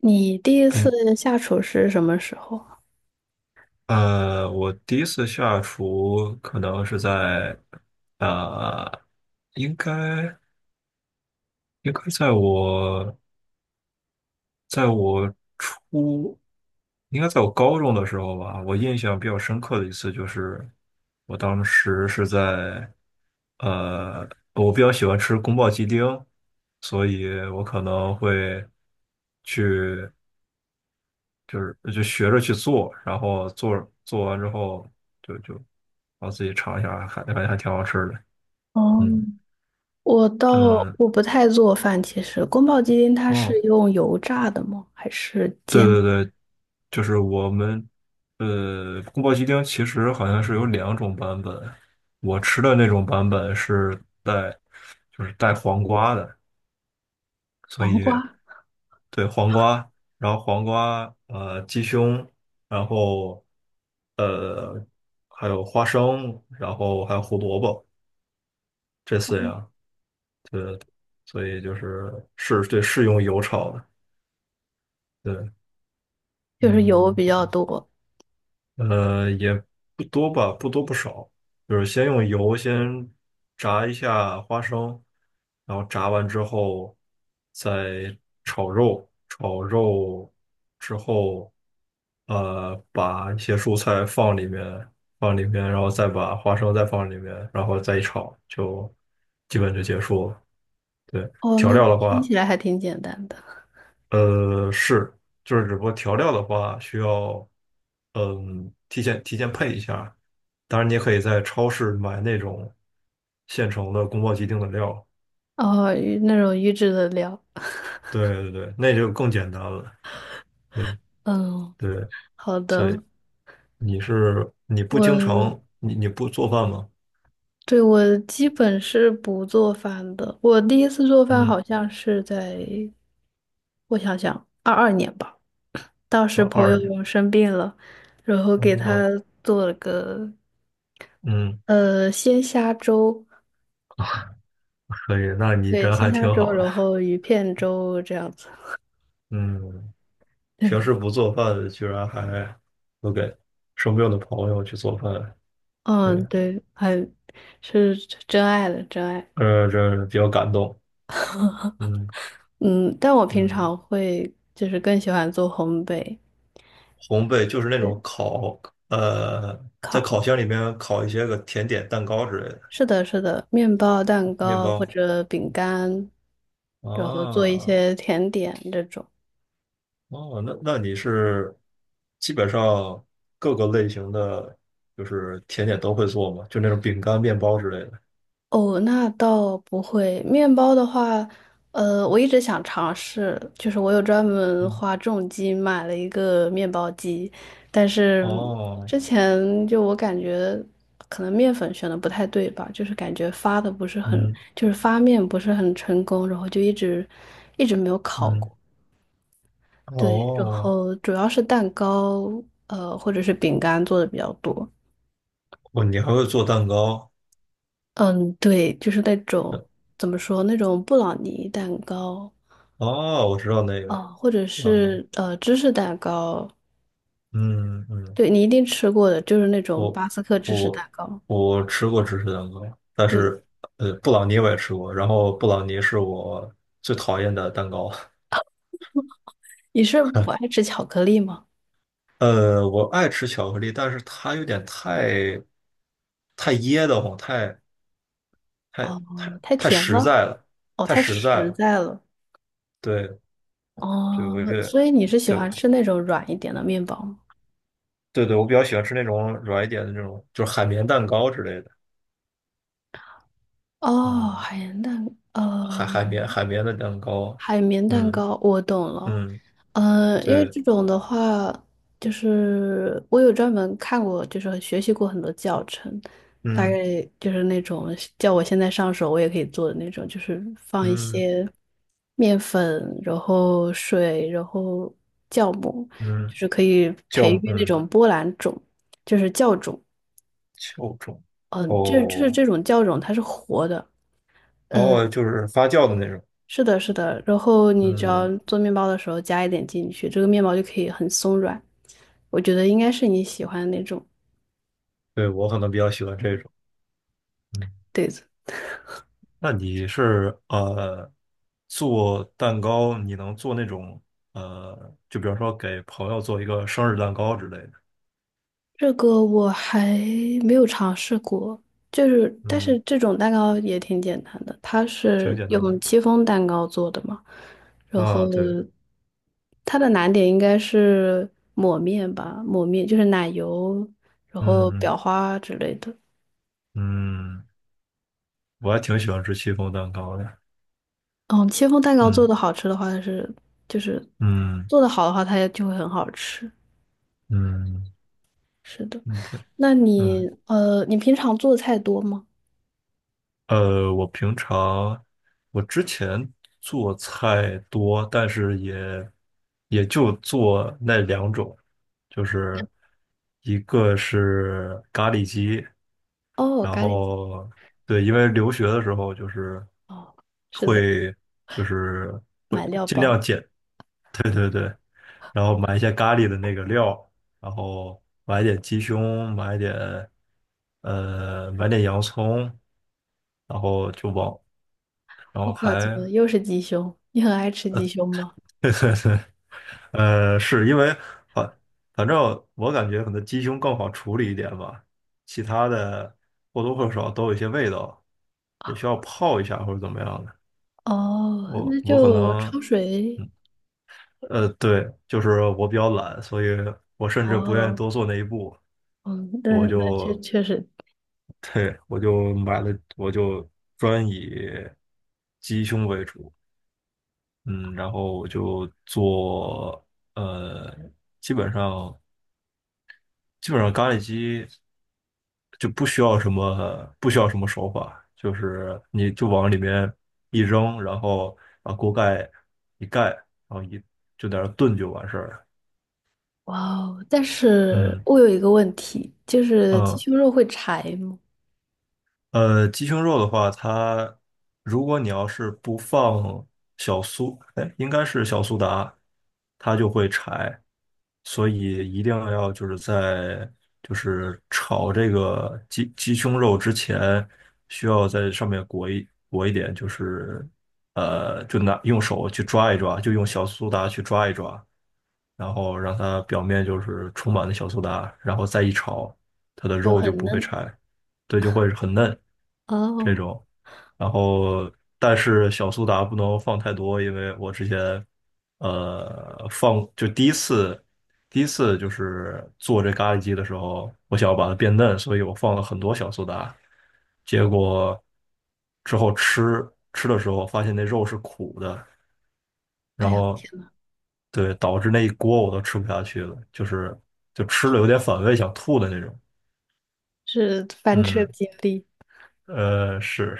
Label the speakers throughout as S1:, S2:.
S1: 你第一次
S2: 嗯，
S1: 下厨是什么时候？
S2: 我第一次下厨可能是在，呃，应该应该在我在我初，应该在我高中的时候吧。我印象比较深刻的一次就是，我当时是在，呃，我比较喜欢吃宫保鸡丁，所以我可能会去，就学着去做，然后做完之后。就就然后自己尝一下，还感觉还挺好吃的。
S1: 哦，
S2: 嗯，
S1: 我倒
S2: 嗯，
S1: 不太做饭，其实宫保鸡丁它是
S2: 哦，
S1: 用油炸的吗？还是
S2: 对
S1: 煎
S2: 对对，就是我们宫保鸡丁其实好像是有两种版本，我吃的那种版本是带就是带黄瓜的，所
S1: 黄
S2: 以
S1: 瓜？
S2: 对黄瓜，然后黄瓜鸡胸，然后呃还有花生，然后还有胡萝卜这四样，所以就是是对是用油炒的，对，
S1: 就是油
S2: 嗯。
S1: 比较多。
S2: 也不多吧，不多不少，就是先用油先炸一下花生，然后炸完之后再炒肉之后，把一些蔬菜放里面，然后再把花生再放里面，然后再一炒，就基本就结束了。对，
S1: 哦，
S2: 调
S1: 那
S2: 料的
S1: 听
S2: 话。
S1: 起来还挺简单的。
S2: 是，就是只不过调料的话需要，嗯，提前配一下。当然，你也可以在超市买那种现成的宫保鸡丁的料。
S1: 哦，预那种预制的料。
S2: 对对对，那就更简单了。对
S1: 嗯，
S2: 对，
S1: 好
S2: 所以
S1: 的。
S2: 你是你不经
S1: 我
S2: 常你你不做饭吗？
S1: 对我基本是不做饭的。我第一次做饭
S2: 嗯，
S1: 好像是在，我想想，二二年吧。当时
S2: 啊，
S1: 朋
S2: 二年，
S1: 友生病了，然后给他
S2: 嗯
S1: 做了个
S2: 嗯，
S1: 鲜虾粥，
S2: 可以，那你
S1: 对，
S2: 人
S1: 鲜
S2: 还
S1: 虾
S2: 挺
S1: 粥，
S2: 好的。
S1: 然后鱼片粥这样子。
S2: 嗯，
S1: 对
S2: 平
S1: 的，
S2: 时不做饭，居然还都给生病的朋友去做饭。
S1: 嗯，
S2: 对，
S1: 对，还是真爱的真爱。
S2: 这比较感动。嗯
S1: 嗯，但我平
S2: 嗯，
S1: 常会就是更喜欢做烘焙，
S2: 烘焙就是那
S1: 对，
S2: 种烤，呃，在烤
S1: 烤，
S2: 箱里面烤一些个甜点、蛋糕之类的
S1: 是的，是的，面包、蛋
S2: 面
S1: 糕或
S2: 包
S1: 者饼干，然后做一
S2: 啊。
S1: 些甜点这种。
S2: 哦，那你是基本上各个类型的就是甜点都会做吗？就那种饼干、面包之类的。
S1: 哦，那倒不会。面包的话，我一直想尝试，就是我有专门
S2: 嗯，
S1: 花重金买了一个面包机，但是
S2: 哦，
S1: 之前就我感觉可能面粉选的不太对吧，就是感觉发的不是很，
S2: 嗯
S1: 就是发面不是很成功，然后就一直没有烤
S2: 嗯，
S1: 过。对，然
S2: 哦，
S1: 后主要是蛋糕，或者是饼干做的比较多。
S2: 哦，你还会做蛋糕？
S1: 嗯，对，就是那种怎么说那种布朗尼蛋糕，
S2: 哦，我知道那个，
S1: 哦，或者
S2: 知道那个
S1: 是芝士蛋糕，
S2: 嗯嗯。
S1: 对你一定吃过的，就是那种
S2: 我
S1: 巴斯克芝士蛋
S2: 我
S1: 糕。
S2: 我吃过芝士蛋糕，但
S1: 对，
S2: 是布朗尼我也吃过，然后布朗尼是我最讨厌的蛋糕。
S1: 你是不爱吃巧克力吗？
S2: 我爱吃巧克力，但是它有点太噎得慌，太
S1: 哦，
S2: 太
S1: 太
S2: 太
S1: 甜
S2: 实
S1: 了，
S2: 在了，
S1: 哦，
S2: 太
S1: 太
S2: 实在
S1: 实
S2: 了。
S1: 在了，
S2: 对，就
S1: 哦，
S2: 我觉得，
S1: 所以你是喜
S2: 对
S1: 欢吃那种软一点的面包吗？
S2: 对对，我比较喜欢吃那种软一点的那种，就是海绵蛋糕之类的。
S1: 哦，
S2: 嗯，
S1: 海盐蛋，呃，
S2: 海绵的蛋糕。
S1: 海绵蛋
S2: 嗯
S1: 糕，我懂了。
S2: 嗯，
S1: 因为
S2: 对，
S1: 这种的话，就是我有专门看过，就是学习过很多教程，大
S2: 嗯
S1: 概就是那种叫我现在上手我也可以做的那种，就是放一
S2: 嗯
S1: 些面粉，然后水，然后酵母，就
S2: 嗯。
S1: 是可以
S2: 酵
S1: 培
S2: 母，
S1: 育那
S2: 嗯
S1: 种波兰种，就是酵种。
S2: 酵种
S1: 嗯、这就是
S2: 哦
S1: 这种酵种它是活的。嗯。
S2: 哦，就是发酵的那种。
S1: 是的，是的。然后你只要
S2: 嗯，
S1: 做面包的时候加一点进去，这个面包就可以很松软。我觉得应该是你喜欢的那种
S2: 对，我可能比较喜欢这种。嗯，
S1: 对子。
S2: 那你是做蛋糕，你能做那种就比如说给朋友做一个生日蛋糕之类的。
S1: 这个我还没有尝试过，就是但是
S2: 嗯，
S1: 这种蛋糕也挺简单的，它
S2: 挺
S1: 是
S2: 简单
S1: 用
S2: 的
S1: 戚风蛋糕做的嘛，然后
S2: 啊，对，
S1: 它的难点应该是抹面吧，抹面就是奶油，然后
S2: 嗯
S1: 裱花之类的。
S2: 嗯，我还挺喜欢吃戚风蛋糕的。
S1: 嗯，戚风蛋糕做
S2: 嗯
S1: 的好吃的话，它是就是
S2: 嗯
S1: 做的好的话，它也就会很好吃。
S2: 嗯
S1: 是的，
S2: 嗯，对，
S1: 那
S2: 嗯。
S1: 你你平常做菜多吗？
S2: 我平常我之前做菜多，但是也就做那两种，就是一个是咖喱鸡，
S1: 哦，
S2: 然
S1: 咖喱鸡。
S2: 后对，因为留学的时候
S1: 哦，是的，
S2: 会就是会
S1: 买料
S2: 尽
S1: 包。
S2: 量简，然后买一些咖喱的那个料，然后买点鸡胸，买点洋葱，然后就往。然
S1: 我
S2: 后
S1: 靠，怎
S2: 还
S1: 么又是鸡胸？你很爱吃鸡胸吗？
S2: 是因为反反正我感觉可能鸡胸更好处理一点吧，其他的或多或少都有一些味道，得需要泡一下或者怎么样的。
S1: 哦，
S2: 我
S1: 那
S2: 我可
S1: 就
S2: 能，
S1: 焯水。
S2: 嗯对，就是我比较懒，所以我甚至不愿意
S1: 哦，
S2: 多做那一步，
S1: 嗯，那
S2: 我
S1: 确
S2: 就，
S1: 确实，
S2: 对，我就买了，我就专以鸡胸为主，嗯，然后我就做，呃，基本上。咖喱鸡就不需要什么手法，就是你就往里面一扔，然后把锅盖一盖，然后就在那儿炖就完事儿了。
S1: 哇哦！但是
S2: 嗯
S1: 我有一个问题，就是
S2: 嗯，
S1: 鸡胸肉会柴吗？
S2: 鸡胸肉的话，它如果你要是不放小苏，哎，应该是小苏打，它就会柴，所以一定要就是炒这个鸡胸肉之前，需要在上面裹一点，就是用手去抓一抓，就用小苏打去抓一抓，然后让它表面就是充满了小苏打，然后再一炒，它的
S1: 就
S2: 肉就
S1: 很
S2: 不会
S1: 嫩。
S2: 柴，对，就会很嫩这
S1: 哦，
S2: 种。然后，但是小苏打不能放太多，因为我之前呃放就第一次就是做这咖喱鸡的时候，我想要把它变嫩，所以我放了很多小苏打，结果之后吃的时候发现那肉是苦的。
S1: 哎
S2: 然
S1: 呀，
S2: 后
S1: 天。
S2: 对，导致那一锅我都吃不下去了，就是吃了有点反胃，想吐的那种。
S1: 是翻车
S2: 嗯，
S1: 经历
S2: 是，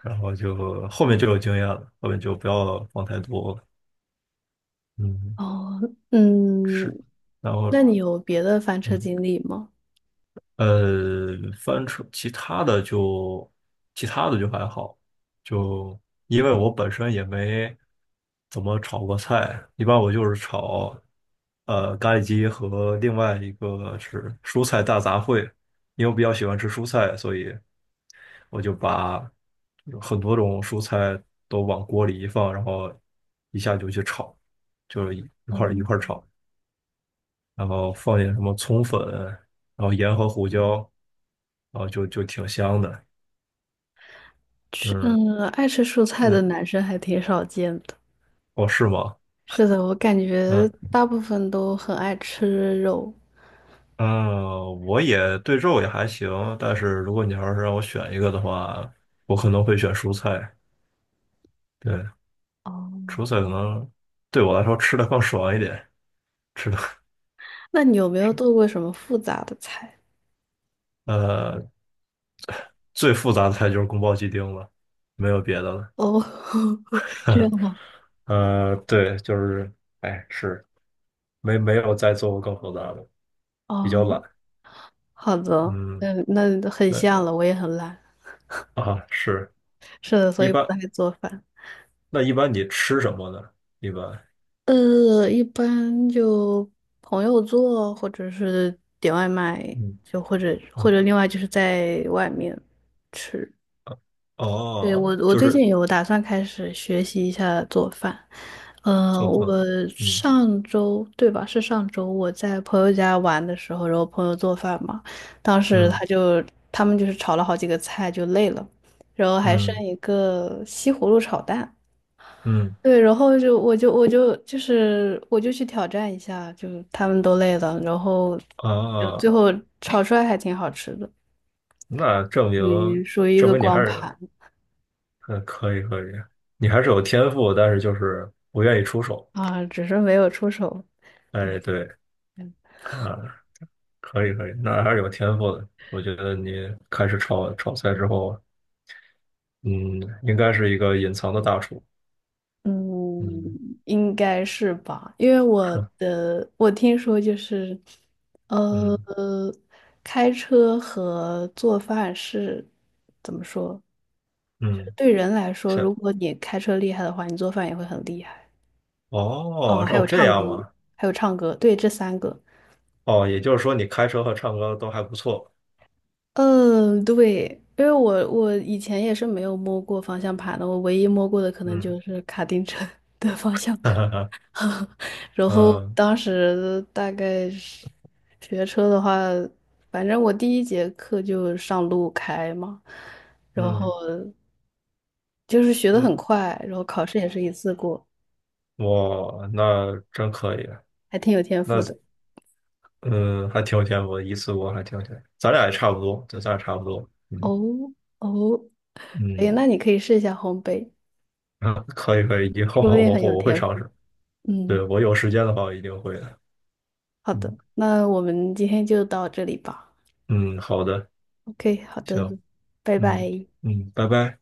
S2: 然后就后面就有经验了，后面就不要放太多了。嗯，
S1: 哦，
S2: 是，
S1: 嗯，
S2: 然后
S1: 那你有别的翻车
S2: 嗯。
S1: 经历吗？
S2: 呃，翻车，其他的就还好，就因为我本身也没怎么炒过菜，一般我就是炒咖喱鸡和另外一个是蔬菜大杂烩，因为我比较喜欢吃蔬菜，所以我就把很多种蔬菜都往锅里一放，然后一下就去炒，就是一
S1: 哦，
S2: 块儿一块儿炒。然后放点什么葱粉，然后盐和胡椒，然后就挺香的。
S1: 吃，
S2: 嗯
S1: 嗯，爱吃蔬菜的
S2: 嗯，
S1: 男生还挺少见的。
S2: 哦，是吗？
S1: 是的，我感觉
S2: 嗯
S1: 大部分都很爱吃肉。
S2: 嗯，我也对肉也还行，但是如果你要是让我选一个的话，我可能会选蔬菜。对，
S1: 哦，
S2: 蔬菜可能对我来说吃的更爽一点，吃的
S1: 那你有没有做过什么复杂的菜？
S2: 呃最复杂的菜就是宫保鸡丁了，没有别的了。
S1: 哦，这样 吗？
S2: 对，就是哎是没有再做过更复杂的，比较
S1: 哦，
S2: 懒。
S1: 好的，
S2: 嗯。
S1: 嗯，那很
S2: 那
S1: 像了，我也很懒。
S2: 啊是
S1: 是的，所
S2: 一
S1: 以不
S2: 般，
S1: 太做饭。
S2: 那一般你吃什么呢？一般，
S1: 一般就朋友做，或者是点外卖，
S2: 嗯
S1: 就或者或
S2: 啊
S1: 者另外就是在外面吃。对，
S2: 哦，
S1: 我
S2: 就
S1: 最
S2: 是
S1: 近有打算开始学习一下做饭。呃，
S2: 做
S1: 我
S2: 饭，嗯
S1: 上周，对吧？是上周我在朋友家玩的时候，然后朋友做饭嘛，当时
S2: 嗯
S1: 他们就是炒了好几个菜，就累了，然后还剩
S2: 嗯
S1: 一个西葫芦炒蛋。
S2: 嗯
S1: 对，然后就我就去挑战一下，就他们都累了，然后就最
S2: 啊，
S1: 后炒出来还挺好吃的，
S2: 那
S1: 属于一
S2: 证
S1: 个
S2: 明你还
S1: 光
S2: 是
S1: 盘
S2: 嗯可以可以，你还是有天赋，但是就是不愿意出手。
S1: 啊，只是没有出手。
S2: 哎，
S1: 对，
S2: 对啊，可以可以，那还是有天赋的。我觉得你开始炒菜之后，嗯，应该是一个隐藏的大厨。嗯，
S1: 嗯，应该是吧，因为
S2: 是，
S1: 我听说就是，呃，
S2: 嗯
S1: 开车和做饭是怎么说？就是
S2: 嗯。
S1: 对人来说，
S2: 行。
S1: 如果你开车厉害的话，你做饭也会很厉害。哦，
S2: 哦，
S1: 还
S2: 哦，
S1: 有
S2: 这
S1: 唱歌，
S2: 样吗？
S1: 还有唱歌，对，这三个。
S2: 哦，也就是说你开车和唱歌都还不错。
S1: 嗯，对，因为我以前也是没有摸过方向盘的，我唯一摸过的可能
S2: 嗯，
S1: 就是卡丁车 的方 向
S2: 哈
S1: 盘。
S2: 哈哈，
S1: 然后
S2: 嗯
S1: 当时大概是学车的话，反正我第一节课就上路开嘛，然后
S2: 嗯
S1: 就是学的
S2: 嗯，
S1: 很快，然后考试也是一次过，
S2: 哇，那真可以，
S1: 还挺有天
S2: 那
S1: 赋的。
S2: 嗯还挺有天赋的，一次过还挺有天赋。咱俩也差不多，对，咱俩差不多。嗯
S1: 哦哦，哎，
S2: 嗯，
S1: 那你可以试一下烘焙。
S2: 啊可以可以，以后
S1: 说不定很有
S2: 我会
S1: 天
S2: 尝
S1: 赋。
S2: 试。对，
S1: 嗯，
S2: 我有时间的话，我一定会的。
S1: 好的，
S2: 嗯
S1: 那我们今天就到这里吧。
S2: 嗯，好的，
S1: OK，好
S2: 行，
S1: 的，拜
S2: 嗯
S1: 拜。
S2: 嗯，拜拜。